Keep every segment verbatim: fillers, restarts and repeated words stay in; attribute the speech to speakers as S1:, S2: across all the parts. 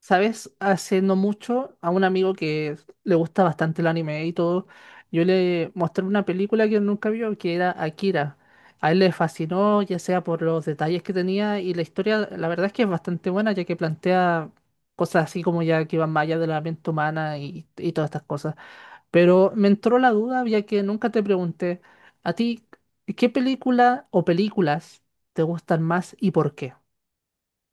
S1: ¿Sabes? Hace no mucho a un amigo que le gusta bastante el anime y todo, yo le mostré una película que él nunca vio, que era Akira. A él le fascinó, ya sea por los detalles que tenía y la historia. La verdad es que es bastante buena, ya que plantea cosas así como, ya que van más allá de la mente humana y, y todas estas cosas. Pero me entró la duda, ya que nunca te pregunté a ti, ¿qué película o películas te gustan más y por qué?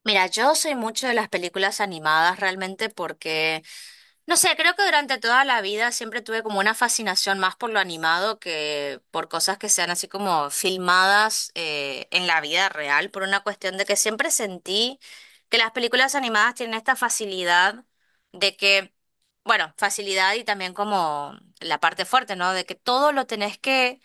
S2: Mira, yo soy mucho de las películas animadas realmente porque, no sé, creo que durante toda la vida siempre tuve como una fascinación más por lo animado que por cosas que sean así como filmadas eh, en la vida real, por una cuestión de que siempre sentí que las películas animadas tienen esta facilidad de que bueno, facilidad y también como la parte fuerte, ¿no? De que todo lo tenés que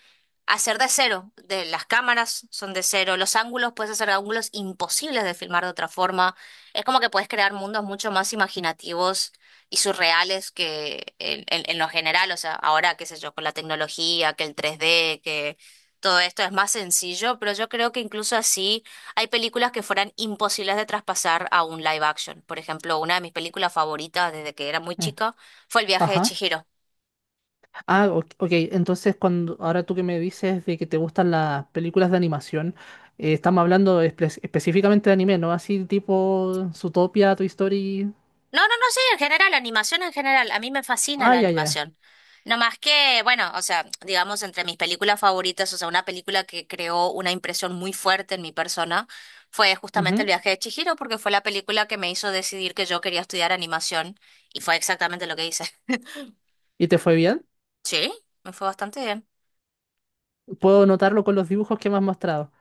S2: hacer de cero. De las cámaras son de cero, los ángulos puedes hacer ángulos imposibles de filmar de otra forma. Es como que puedes crear mundos mucho más imaginativos y surreales que en, en- en lo general. O sea, ahora, qué sé yo, con la tecnología, que el tres D, que todo esto es más sencillo, pero yo creo que incluso así. Hay películas que fueran imposibles de traspasar a un live action. Por ejemplo, una de mis películas favoritas desde que era muy
S1: Mm.
S2: chica fue El viaje de
S1: Ajá.
S2: Chihiro.
S1: Ah, o- ok. Entonces, cuando ahora tú que me dices de que te gustan las películas de animación, eh, estamos hablando espe- específicamente de anime, ¿no? Así tipo Zootopia, Toy Story.
S2: No, no, no, sí, en general, animación en general. A mí me fascina
S1: Ah,
S2: la
S1: ya, ya.
S2: animación. No más que, bueno, o sea, digamos, entre mis películas favoritas, o sea, una película que creó una impresión muy fuerte en mi persona fue justamente El
S1: Ujú.
S2: viaje de Chihiro, porque fue la película que me hizo decidir que yo quería estudiar animación y fue exactamente lo que hice.
S1: ¿Y te fue bien?
S2: Sí, me fue bastante bien.
S1: Puedo notarlo con los dibujos que me has mostrado.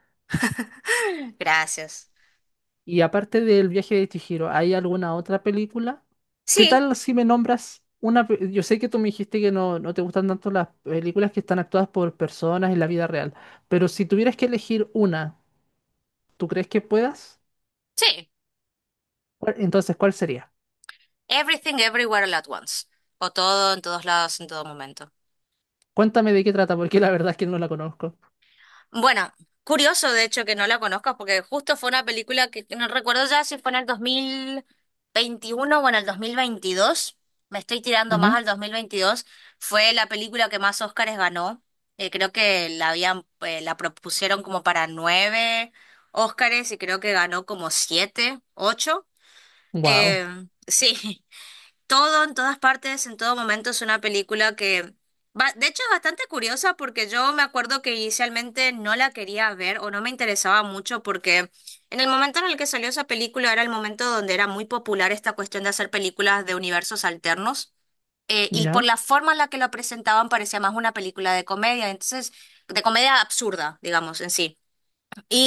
S2: Gracias.
S1: Y aparte del viaje de Chihiro, ¿hay alguna otra película? ¿Qué
S2: Sí,
S1: tal si me nombras una? pe- Yo sé que tú me dijiste que no, no te gustan tanto las películas que están actuadas por personas en la vida real, pero si tuvieras que elegir una, ¿tú crees que puedas?
S2: sí.
S1: ¿Cuál- Entonces, ¿cuál sería?
S2: Everything Everywhere All at Once. O todo en todos lados, en todo momento.
S1: Cuéntame de qué trata, porque la verdad es que no la conozco.
S2: Bueno, curioso de hecho que no la conozcas porque justo fue una película que no recuerdo ya si fue en el dos mil veintiuno o en el dos mil veintidós. Me estoy tirando más al dos mil veintidós. Fue la película que más Óscares ganó. Eh, creo que la habían, eh, la propusieron como para nueve Óscares y creo que ganó como siete, ocho.
S1: Wow.
S2: Eh, sí. Todo, en todas partes, en todo momento es una película que, va- de hecho, es bastante curiosa porque yo me acuerdo que inicialmente no la quería ver o no me interesaba mucho porque en el momento en el que salió esa película era el momento donde era muy popular esta cuestión de hacer películas de universos alternos eh, y por
S1: ¿Ya?
S2: la forma en la que lo presentaban parecía más una película de comedia, entonces, de comedia absurda, digamos, en sí.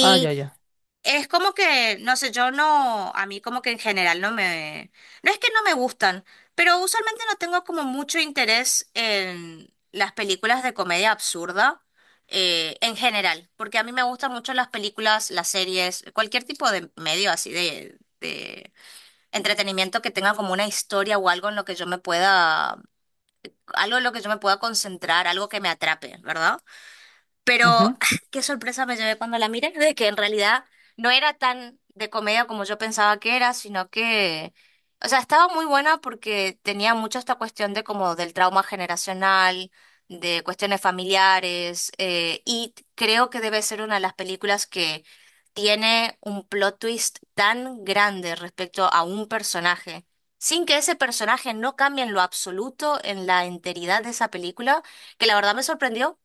S1: Ah, ya, ya.
S2: es como que, no sé, yo no, a mí como que en general no me, no es que no me gustan, pero usualmente no tengo como mucho interés en las películas de comedia absurda eh, en general, porque a mí me gustan mucho las películas, las series, cualquier tipo de medio así de, de entretenimiento que tenga como una historia o algo en lo que yo me pueda, algo en lo que yo me pueda concentrar, algo que me atrape, ¿verdad?
S1: Ujú.
S2: Pero qué sorpresa me llevé cuando la miré, de que en realidad no era tan de comedia como yo pensaba que era, sino que, o sea, estaba muy buena porque tenía mucho esta cuestión de como del trauma generacional, de cuestiones familiares, eh, y creo que debe ser una de las películas que tiene un plot twist tan grande respecto a un personaje, sin que ese personaje no cambie en lo absoluto en la enteridad de esa película, que la verdad me sorprendió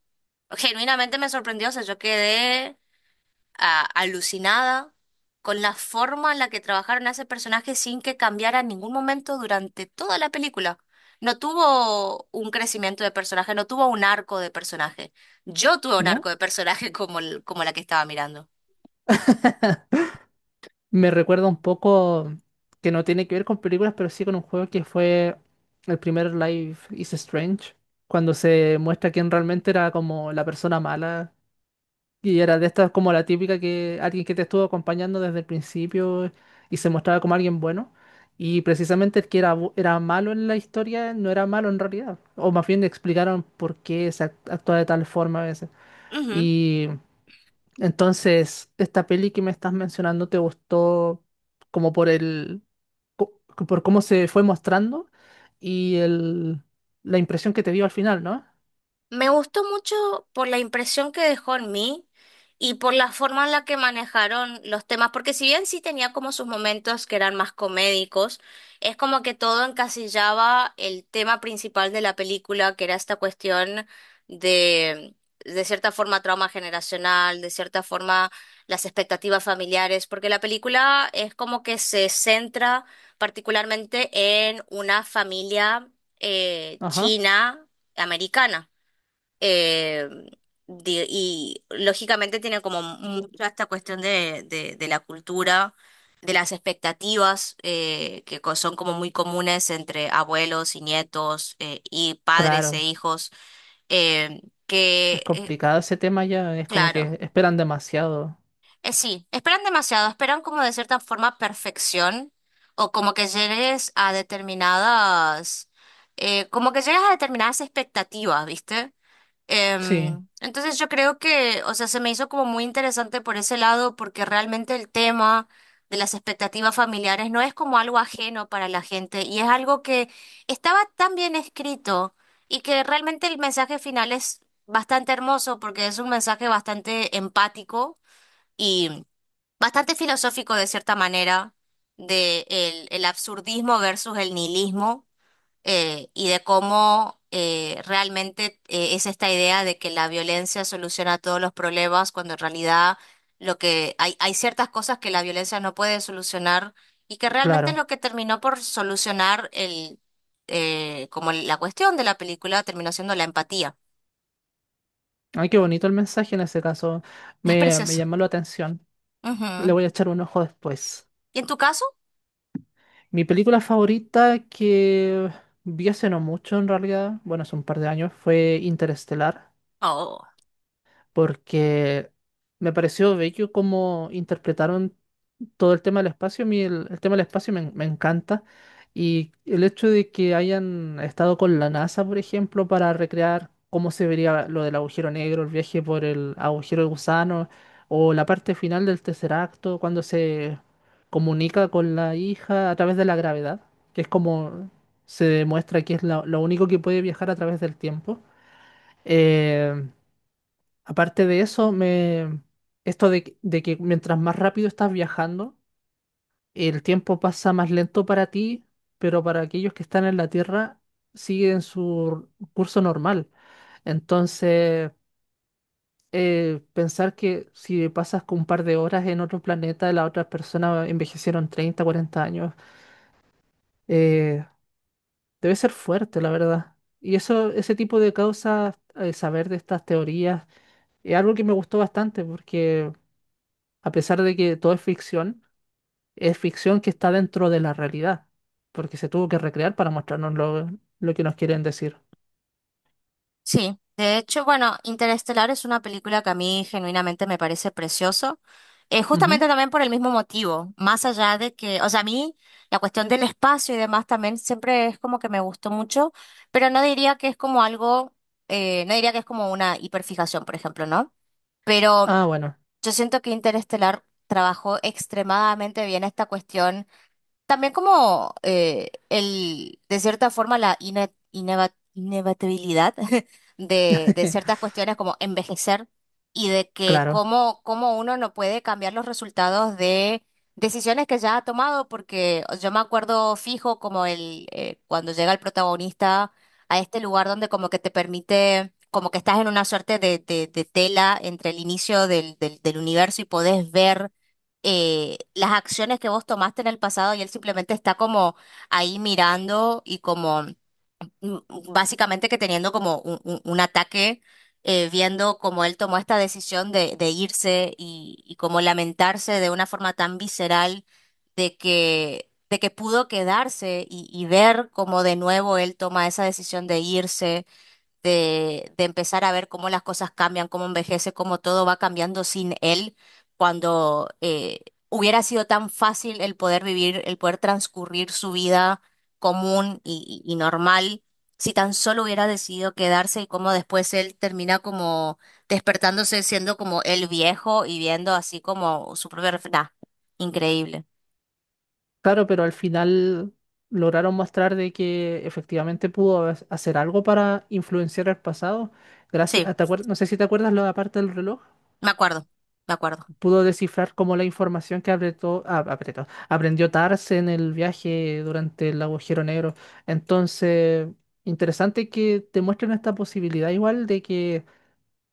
S2: genuinamente me sorprendió, o sea, yo quedé ah, alucinada con la forma en la que trabajaron a ese personaje sin que cambiara en ningún momento durante toda la película. No tuvo un crecimiento de personaje, no tuvo un arco de personaje. Yo tuve un arco
S1: ¿No?
S2: de personaje como, el- como la que estaba mirando.
S1: Me recuerda un poco, que no tiene que ver con películas, pero sí con un juego, que fue el primer Life is Strange, cuando se muestra quién realmente era como la persona mala. Y era de estas como la típica que alguien que te estuvo acompañando desde el principio y se mostraba como alguien bueno. Y precisamente el que era, bu- era malo en la historia no era malo en realidad. O más bien le explicaron por qué se act- actúa de tal forma a veces. Y entonces, esta peli que me estás mencionando te gustó como por el, co- por cómo se fue mostrando y el, la impresión que te dio al final, ¿no?
S2: Me gustó mucho por la impresión que dejó en mí y por la forma en la que manejaron los temas, porque si bien sí tenía como sus momentos que eran más comédicos, es como que todo encasillaba el tema principal de la película, que era esta cuestión de, de cierta forma, trauma generacional, de cierta forma, las expectativas familiares, porque la película es como que se centra particularmente en una familia eh,
S1: Ajá,
S2: china americana. Eh, di- y lógicamente tiene como mucha esta cuestión de, de, de la cultura, de las expectativas eh, que co- son como muy comunes entre abuelos y nietos eh, y padres e
S1: claro.
S2: hijos, eh,
S1: Es
S2: que, eh,
S1: complicado ese tema ya, es como
S2: claro,
S1: que esperan demasiado.
S2: eh, sí, esperan demasiado, esperan como de cierta forma perfección o como que llegues a determinadas, eh, como que llegas a determinadas expectativas, ¿viste?
S1: Sí,
S2: Em, entonces yo creo que, o sea, se me hizo como muy interesante por ese lado, porque realmente el tema de las expectativas familiares no es como algo ajeno para la gente y es algo que estaba tan bien escrito y que realmente el mensaje final es bastante hermoso porque es un mensaje bastante empático y bastante filosófico de cierta manera, de el, el absurdismo versus el nihilismo eh, y de cómo eh, realmente eh, es esta idea de que la violencia soluciona todos los problemas, cuando en realidad lo que hay, hay ciertas cosas que la violencia no puede solucionar y que realmente
S1: claro.
S2: lo que terminó por solucionar el eh, como la cuestión de la película terminó siendo la empatía.
S1: Ay, qué bonito el mensaje en ese caso.
S2: Es
S1: Me, me
S2: precioso.
S1: llamó la atención. Le
S2: Ujú.
S1: voy a echar un ojo después.
S2: ¿Y en tu caso?
S1: Mi película favorita, que vi hace no mucho en realidad, bueno, hace un par de años, fue Interestelar. Porque me pareció bello cómo interpretaron todo el tema del espacio. A mí el, el tema del espacio me, me encanta. Y el hecho de que hayan estado con la NASA, por ejemplo, para recrear cómo se vería lo del agujero negro, el viaje por el agujero de gusano, o la parte final del tercer acto, cuando se comunica con la hija a través de la gravedad, que es como se demuestra que es la- lo único que puede viajar a través del tiempo. Eh, Aparte de eso, me esto de, que de que mientras más rápido estás viajando, el tiempo pasa más lento para ti, pero para aquellos que están en la Tierra siguen su curso normal. Entonces, eh, pensar que si pasas con un par de horas en otro planeta, las otras personas envejecieron treinta, cuarenta años, eh, debe ser fuerte, la verdad. Y eso, ese tipo de causas, eh, saber de estas teorías, es algo que me gustó bastante, porque a pesar de que todo es ficción, es ficción que está dentro de la realidad, porque se tuvo que recrear para mostrarnos lo, lo que nos quieren decir.
S2: Sí, de hecho, bueno, Interestelar es una película que a mí genuinamente me parece precioso, eh, justamente
S1: Ujú.
S2: también por el mismo motivo, más allá de que, o sea, a mí la cuestión del espacio y demás también siempre es como que me gustó mucho, pero no diría que es como algo, eh, no diría que es como una hiperfijación, por ejemplo, ¿no? Pero
S1: Ah, bueno,
S2: yo siento que Interestelar trabajó extremadamente bien esta cuestión también como eh, el, de cierta forma, la ine- ineva- inevitabilidad de, de ciertas cuestiones como envejecer y de que
S1: claro,
S2: cómo, cómo uno no puede cambiar los resultados de decisiones que ya ha tomado, porque yo me acuerdo fijo como el eh, cuando llega el protagonista a este lugar donde como que te permite, como que estás en una suerte de, de, de tela entre el inicio del, del, del universo y podés ver eh, las acciones que vos tomaste en el pasado y él simplemente está como ahí mirando y como mm, básicamente que teniendo como un, un- un ataque, eh, viendo cómo él tomó esta decisión de, de irse y, y como lamentarse de una forma tan visceral de que, de que pudo quedarse y, y ver cómo de nuevo él toma esa decisión de irse de, de empezar a ver cómo las cosas cambian, cómo envejece, cómo todo va cambiando sin él, cuando eh, hubiera sido tan fácil el poder vivir, el poder transcurrir su vida común y, y- y normal, si tan solo hubiera decidido quedarse y cómo después él termina como despertándose siendo como el viejo y viendo así como su propia... ref- Nah, increíble.
S1: claro, pero al final lograron mostrar de que efectivamente pudo ha- hacer algo para influenciar el pasado.
S2: Sí,
S1: Gracias, ¿te acuer- no sé si te acuerdas la parte del reloj.
S2: me acuerdo, me acuerdo.
S1: Pudo descifrar como la información que apretó- ah, apretó, aprendió Tars en el viaje durante el agujero negro. Entonces, interesante que te muestren esta posibilidad igual de que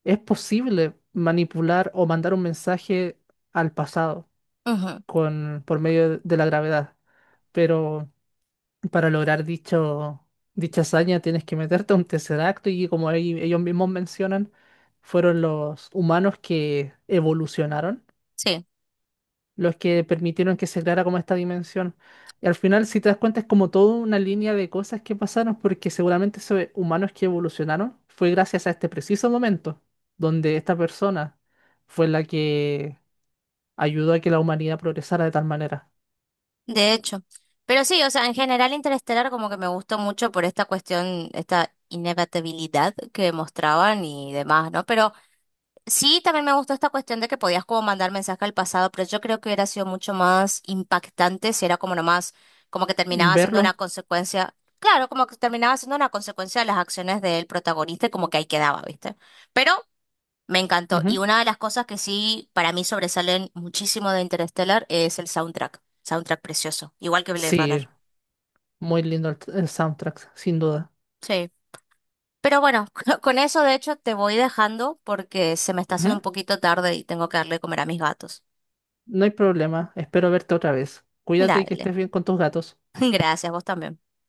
S1: es posible manipular o mandar un mensaje al pasado
S2: Ujú.
S1: con, por medio de de la gravedad. Pero para lograr dicho, dicha hazaña tienes que meterte a un tesseracto y como ahí ellos mismos mencionan, fueron los humanos que evolucionaron
S2: Sí.
S1: los que permitieron que se creara como esta dimensión. Y al final, si te das cuenta, es como toda una línea de cosas que pasaron, porque seguramente esos humanos que evolucionaron fue gracias a este preciso momento, donde esta persona fue la que ayudó a que la humanidad progresara de tal manera.
S2: De hecho. Pero sí, o sea, en general Interestelar como que me gustó mucho por esta cuestión, esta inevitabilidad que mostraban y demás, ¿no? Pero sí, también me gustó esta cuestión de que podías como mandar mensaje al pasado, pero yo creo que hubiera sido mucho más impactante si era como nomás, como que terminaba siendo una
S1: Verlo,
S2: consecuencia, claro, como que terminaba siendo una consecuencia de las acciones del protagonista y como que ahí quedaba, ¿viste? Pero me encantó. Y
S1: ujú.
S2: una de las cosas que sí para mí sobresalen muchísimo de Interstellar es el soundtrack. Soundtrack precioso, igual que Blade
S1: Sí,
S2: Runner.
S1: muy lindo el, el soundtrack, sin duda.
S2: Sí. Pero bueno, con con eso de hecho te voy dejando porque se me está haciendo
S1: Ujú.
S2: un poquito tarde y tengo que darle de comer a mis gatos.
S1: No hay problema, espero verte otra vez. Cuídate y que
S2: Dale.
S1: estés bien con tus gatos.
S2: Gracias, vos también.